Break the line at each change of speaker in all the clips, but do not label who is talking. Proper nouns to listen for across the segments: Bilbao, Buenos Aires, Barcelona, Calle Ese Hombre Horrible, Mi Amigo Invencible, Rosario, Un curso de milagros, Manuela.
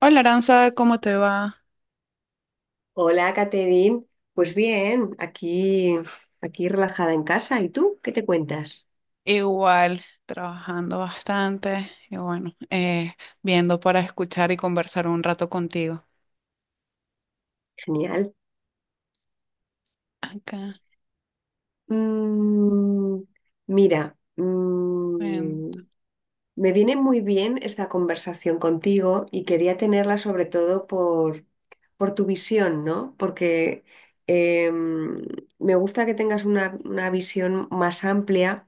Hola Aranza, ¿cómo te va?
Hola, Caterín. Pues bien, aquí relajada en casa. ¿Y tú qué te cuentas?
Igual, trabajando bastante y bueno, viendo para escuchar y conversar un rato contigo.
Genial.
Acá,
Mm, Mira,
ven,
me viene muy bien esta conversación contigo y quería tenerla sobre todo por tu visión, ¿no? Porque em, me gusta que tengas una visión más amplia,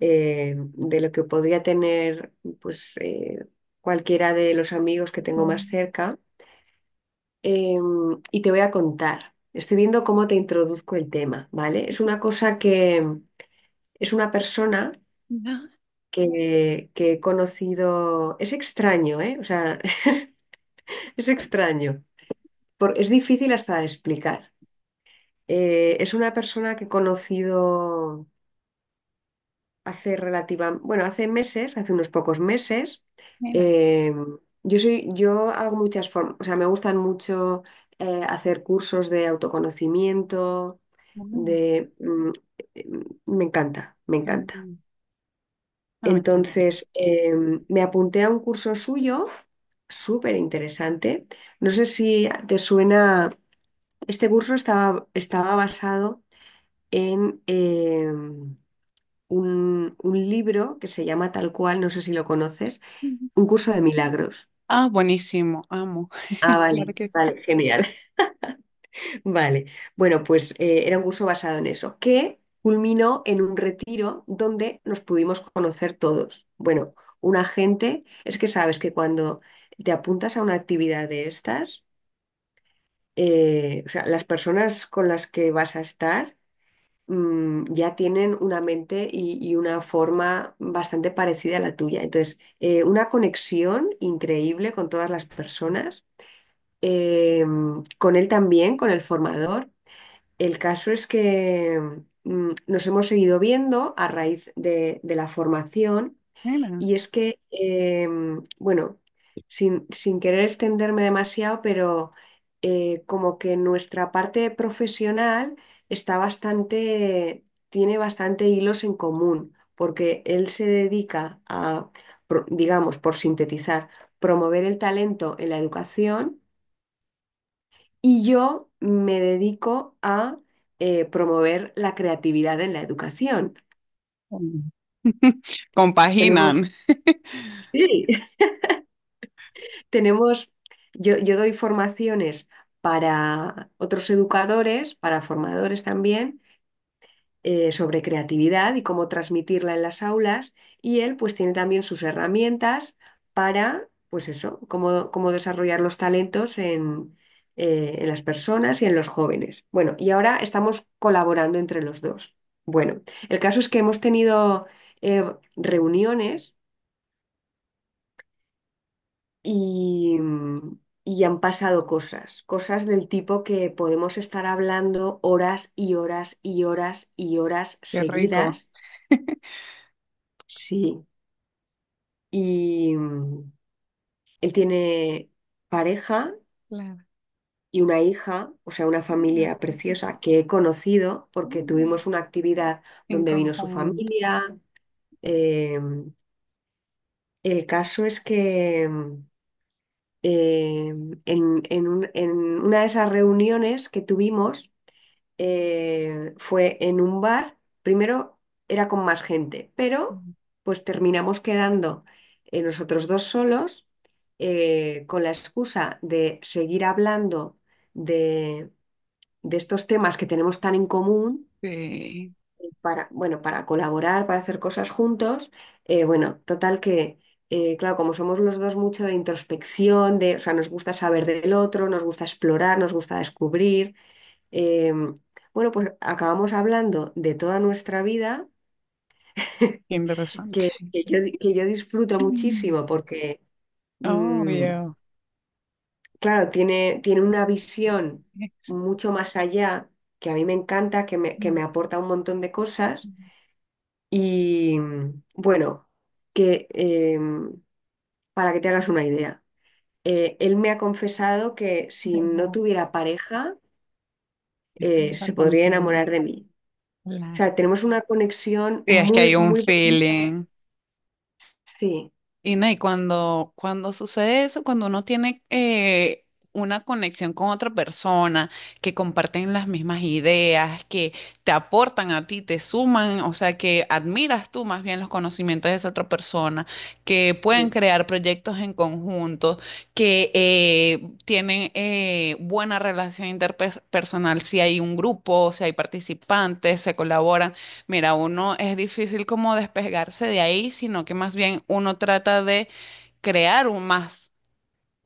de lo que podría tener, pues, cualquiera de los amigos que tengo más
ven,
cerca. Y te voy a contar. Estoy viendo cómo te introduzco el tema, ¿vale? Es una persona
no,
que he conocido. Es extraño, ¿eh? O sea, es extraño. Es difícil hasta de explicar. Es una persona que he conocido bueno, hace meses, hace unos pocos meses,
mira,
eh, yo hago muchas formas, o sea, me gustan mucho, hacer cursos de autoconocimiento,
bueno,
de, mm, eh, me encanta, me
qué
encanta.
bueno. A mí también.
Entonces, me apunté a un curso suyo, súper interesante. No sé si te suena, este curso estaba basado en un libro que se llama tal cual, no sé si lo conoces,
Ujú.
Un curso de milagros.
Ah, buenísimo, amo.
Ah,
Claro
vale,
que sí.
vale, genial. Vale. Bueno, pues era un curso basado en eso, que culminó en un retiro donde nos pudimos conocer todos. Bueno, una gente, es que sabes que cuando te apuntas a una actividad de estas, o sea, las personas con las que vas a estar ya tienen una mente y una forma bastante parecida a la tuya. Entonces, una conexión increíble con todas las personas, eh, con él también, con el formador. El caso es que nos hemos seguido viendo a raíz de la formación.
Mira,
Y es que, bueno, sin querer extenderme demasiado, pero como que nuestra parte profesional está bastante, tiene bastante hilos en común, porque él se dedica a, digamos, por sintetizar, promover el talento en la educación, y yo me dedico a, promover la creatividad en la educación.
mm,
Tenemos,
compaginan,
sí. Tenemos, yo doy formaciones para otros educadores, para formadores también, sobre creatividad y cómo transmitirla en las aulas, y él pues tiene también sus herramientas para, pues eso, cómo desarrollar los talentos en las personas y en los jóvenes. Bueno, y ahora estamos colaborando entre los dos. Bueno, el caso es que hemos tenido, eh, reuniones, y, y han pasado cosas, cosas del tipo que podemos estar hablando horas y horas y horas y horas
qué rico.
seguidas. Sí. Y él tiene pareja
Claro.
y una hija, o sea, una familia preciosa que he conocido porque tuvimos una actividad
En
donde vino su
conjunto.
familia. Eh, el caso es que eh, en una de esas reuniones que tuvimos, fue en un bar. Primero era con más gente, pero pues terminamos quedando, nosotros dos solos, con la excusa de seguir hablando de, de estos temas que tenemos tan en común,
Sí,
para, bueno, para colaborar, para hacer cosas juntos. Bueno, total que, claro, como somos los dos mucho de introspección, o sea, nos gusta saber del otro, nos gusta explorar, nos gusta descubrir. Em, bueno, pues acabamos hablando de toda nuestra vida,
qué interesante.
que yo disfruto muchísimo porque, mm,
Obvio.
claro, tiene una visión
Es
mucho más allá, que a mí me encanta, que me, que
un-
me aporta un montón de cosas. Y bueno, que em, para que te hagas una idea, él me ha confesado que si
Debo,
no tuviera pareja,
es un
se
ratón
podría
de
enamorar de mí. O
la...
sea, tenemos una conexión
Sí, es que
muy,
hay un
muy bonita.
feeling.
Sí,
Y no, y cuando sucede eso, cuando uno tiene una conexión con otra persona, que comparten las mismas ideas, que te aportan a ti, te suman, o sea, que admiras tú más bien los conocimientos de esa otra persona, que pueden
sí.
crear proyectos en conjunto, que tienen buena relación interpersonal, si hay un grupo, si hay participantes, se colaboran. Mira, uno es difícil como despegarse de ahí, sino que más bien uno trata de crear un más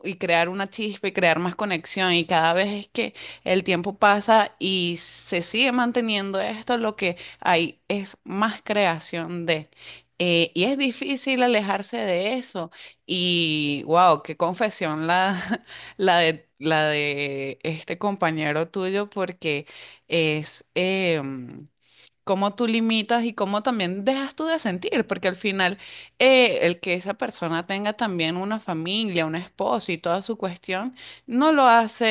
y crear una chispa y crear más conexión. Y cada vez es que el tiempo pasa y se sigue manteniendo esto, lo que hay es más creación de. Y es difícil alejarse de eso. Y wow, qué confesión la la de este compañero tuyo, porque es... em, cómo tú limitas y cómo también dejas tú de sentir, porque al final el que esa persona tenga también una familia, un esposo y toda su cuestión, no lo hace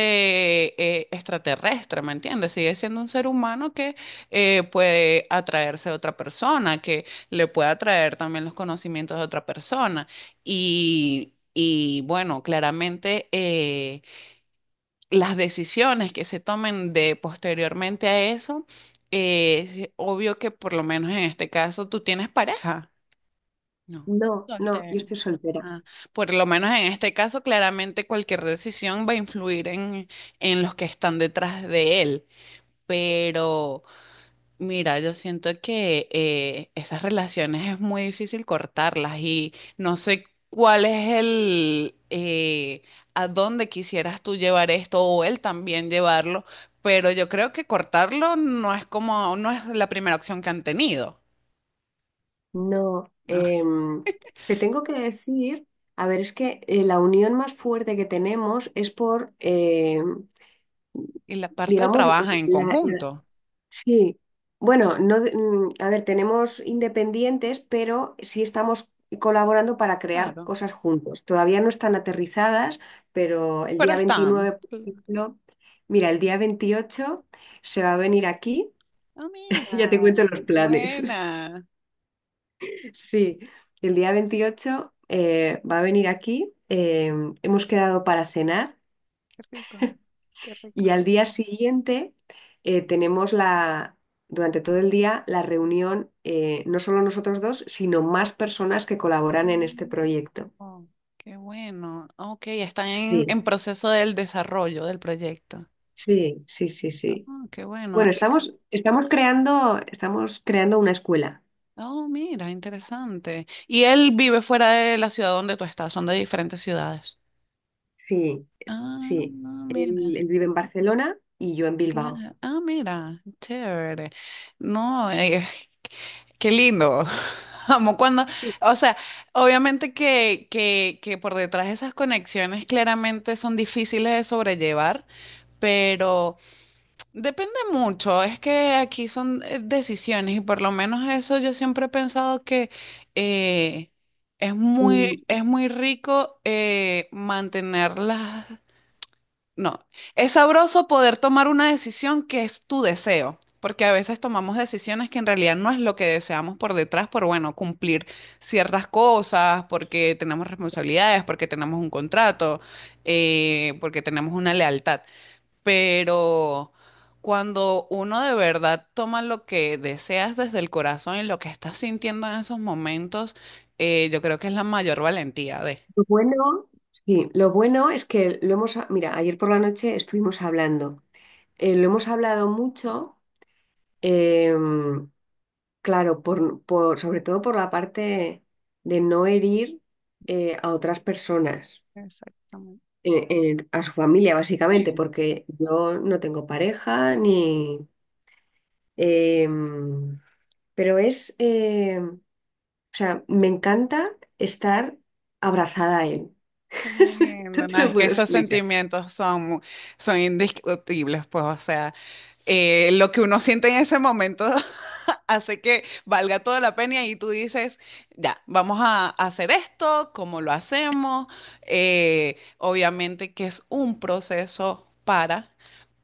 extraterrestre, ¿me entiendes? Sigue siendo un ser humano que puede atraerse a otra persona, que le puede atraer también los conocimientos de otra persona. Y bueno, claramente... las decisiones que se tomen de posteriormente a eso, es obvio que por lo menos en este caso tú tienes pareja. No,
No, no, yo
soltero.
estoy soltera.
Ah, por lo menos en este caso, claramente cualquier decisión va a influir en los que están detrás de él. Pero mira, yo siento que esas relaciones es muy difícil cortarlas y no sé cuál es a dónde quisieras tú llevar esto o él también llevarlo, pero yo creo que cortarlo no es como, no es la primera opción que han tenido.
No,
Ah,
te tengo que decir, a ver, es que, la unión más fuerte que tenemos es por,
y la parte de
digamos,
trabajar en
la, la-
conjunto,
sí, bueno, no, a ver, tenemos independientes, pero sí estamos colaborando para crear
claro.
cosas juntos. Todavía no están aterrizadas, pero el
Pero
día 29,
están.
por ejemplo, mira, el día 28 se va a venir aquí.
Ah,
Ya te
mira,
cuento los planes.
buena.
Sí, el día 28, va a venir aquí, hemos quedado para cenar,
Qué rico, qué rico.
y al día siguiente, tenemos durante todo el día la reunión, no solo nosotros dos, sino más personas que colaboran en este
Mm.
proyecto.
Oh, qué bueno. Ok, están
Sí,
en proceso del desarrollo del proyecto.
sí, sí, sí, sí.
Ah, qué bueno.
Bueno,
Y
estamos creando una escuela.
oh, mira, interesante. ¿Y él vive fuera de la ciudad donde tú estás? Son de diferentes ciudades.
Sí,
Ah,
sí.
no,
Él,
mira.
él vive en Barcelona y yo en Bilbao.
Claro. Ah, mira, chévere. No, qué lindo. Amo cuando, o sea, obviamente que por detrás de esas conexiones claramente son difíciles de sobrellevar, pero... depende mucho, es que aquí son decisiones y por lo menos eso yo siempre he pensado que eh, es
Mm.
es muy rico mantenerlas, no, es sabroso poder tomar una decisión que es tu deseo, porque a veces tomamos decisiones que en realidad no es lo que deseamos por detrás, por bueno, cumplir ciertas cosas, porque tenemos responsabilidades, porque tenemos un contrato, porque tenemos una lealtad, pero cuando uno de verdad toma lo que deseas desde el corazón y lo que estás sintiendo en esos momentos, yo creo que es la mayor valentía de...
Lo bueno, sí, lo bueno es que lo hemos, mira, ayer por la noche estuvimos hablando. Lo hemos hablado mucho, em, claro, sobre todo por la parte de no herir, a otras personas,
Exactamente.
a su familia básicamente,
Sí,
porque yo no tengo pareja
bien,
ni. em, pero o sea, me encanta estar abrazada a él.
qué
No
lindo. No,
te lo
es que
puedo
esos
explicar.
sentimientos son indiscutibles, pues, o sea, lo que uno siente en ese momento hace que valga toda la pena y tú dices, ya, vamos a hacer esto, cómo lo hacemos. Obviamente que es un proceso para,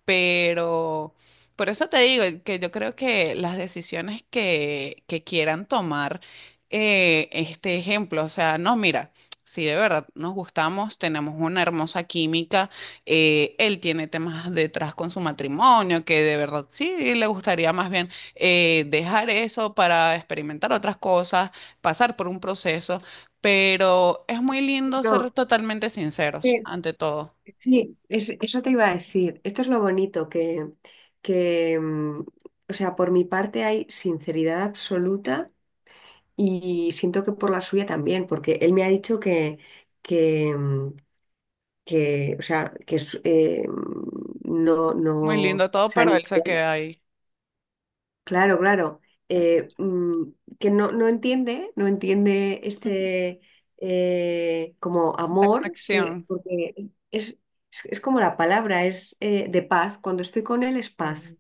pero por eso te digo que yo creo que las decisiones que quieran tomar este ejemplo, o sea, no, mira, si de verdad nos gustamos, tenemos una hermosa química, él tiene temas detrás con su matrimonio, que de verdad sí le gustaría más bien dejar eso para experimentar otras cosas, pasar por un proceso, pero es muy lindo ser
No.
totalmente sinceros ante todo.
Sí, eso te iba a decir. Esto es lo bonito, que o sea, por mi parte hay sinceridad absoluta y siento que por la suya también, porque él me ha dicho que, mm, que o sea, que es, no, no,
Muy
o
lindo todo,
sea,
pero
ni
él se
idea.
queda ahí.
Claro, claro.
eh,
Eh, mm, que no, no entiende, no entiende este, como
Esa
amor,
conexión.
que, porque es, es como la palabra, es de paz. Cuando estoy con él es paz.
Sí,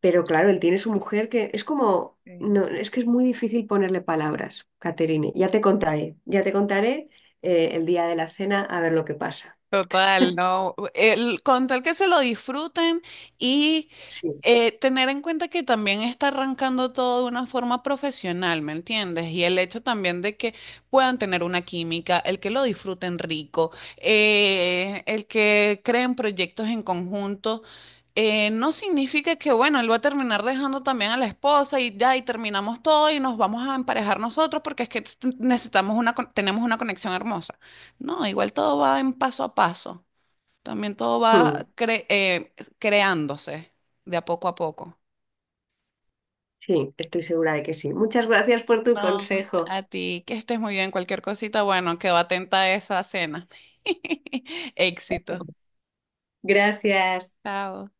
Pero claro, él tiene su mujer que es como,
sí.
no, es que es muy difícil ponerle palabras, Caterine. Ya te contaré, ya te contaré, el día de la cena, a ver lo que pasa.
Total, no. El, con tal que se lo disfruten y
Sí,
tener en cuenta que también está arrancando todo de una forma profesional, ¿me entiendes? Y el hecho también de que puedan tener una química, el que lo disfruten rico, el que creen proyectos en conjunto. No significa que, bueno, él va a terminar dejando también a la esposa y ya, y terminamos todo y nos vamos a emparejar nosotros porque es que necesitamos tenemos una conexión hermosa. No, igual todo va en paso a paso. También todo
mm,
va creándose de a poco a poco.
sí, estoy segura de que sí. Muchas gracias por tu
No,
consejo.
a ti, que estés muy bien. Cualquier cosita, bueno, quedo atenta a esa cena. Éxito.
Gracias.
Chao.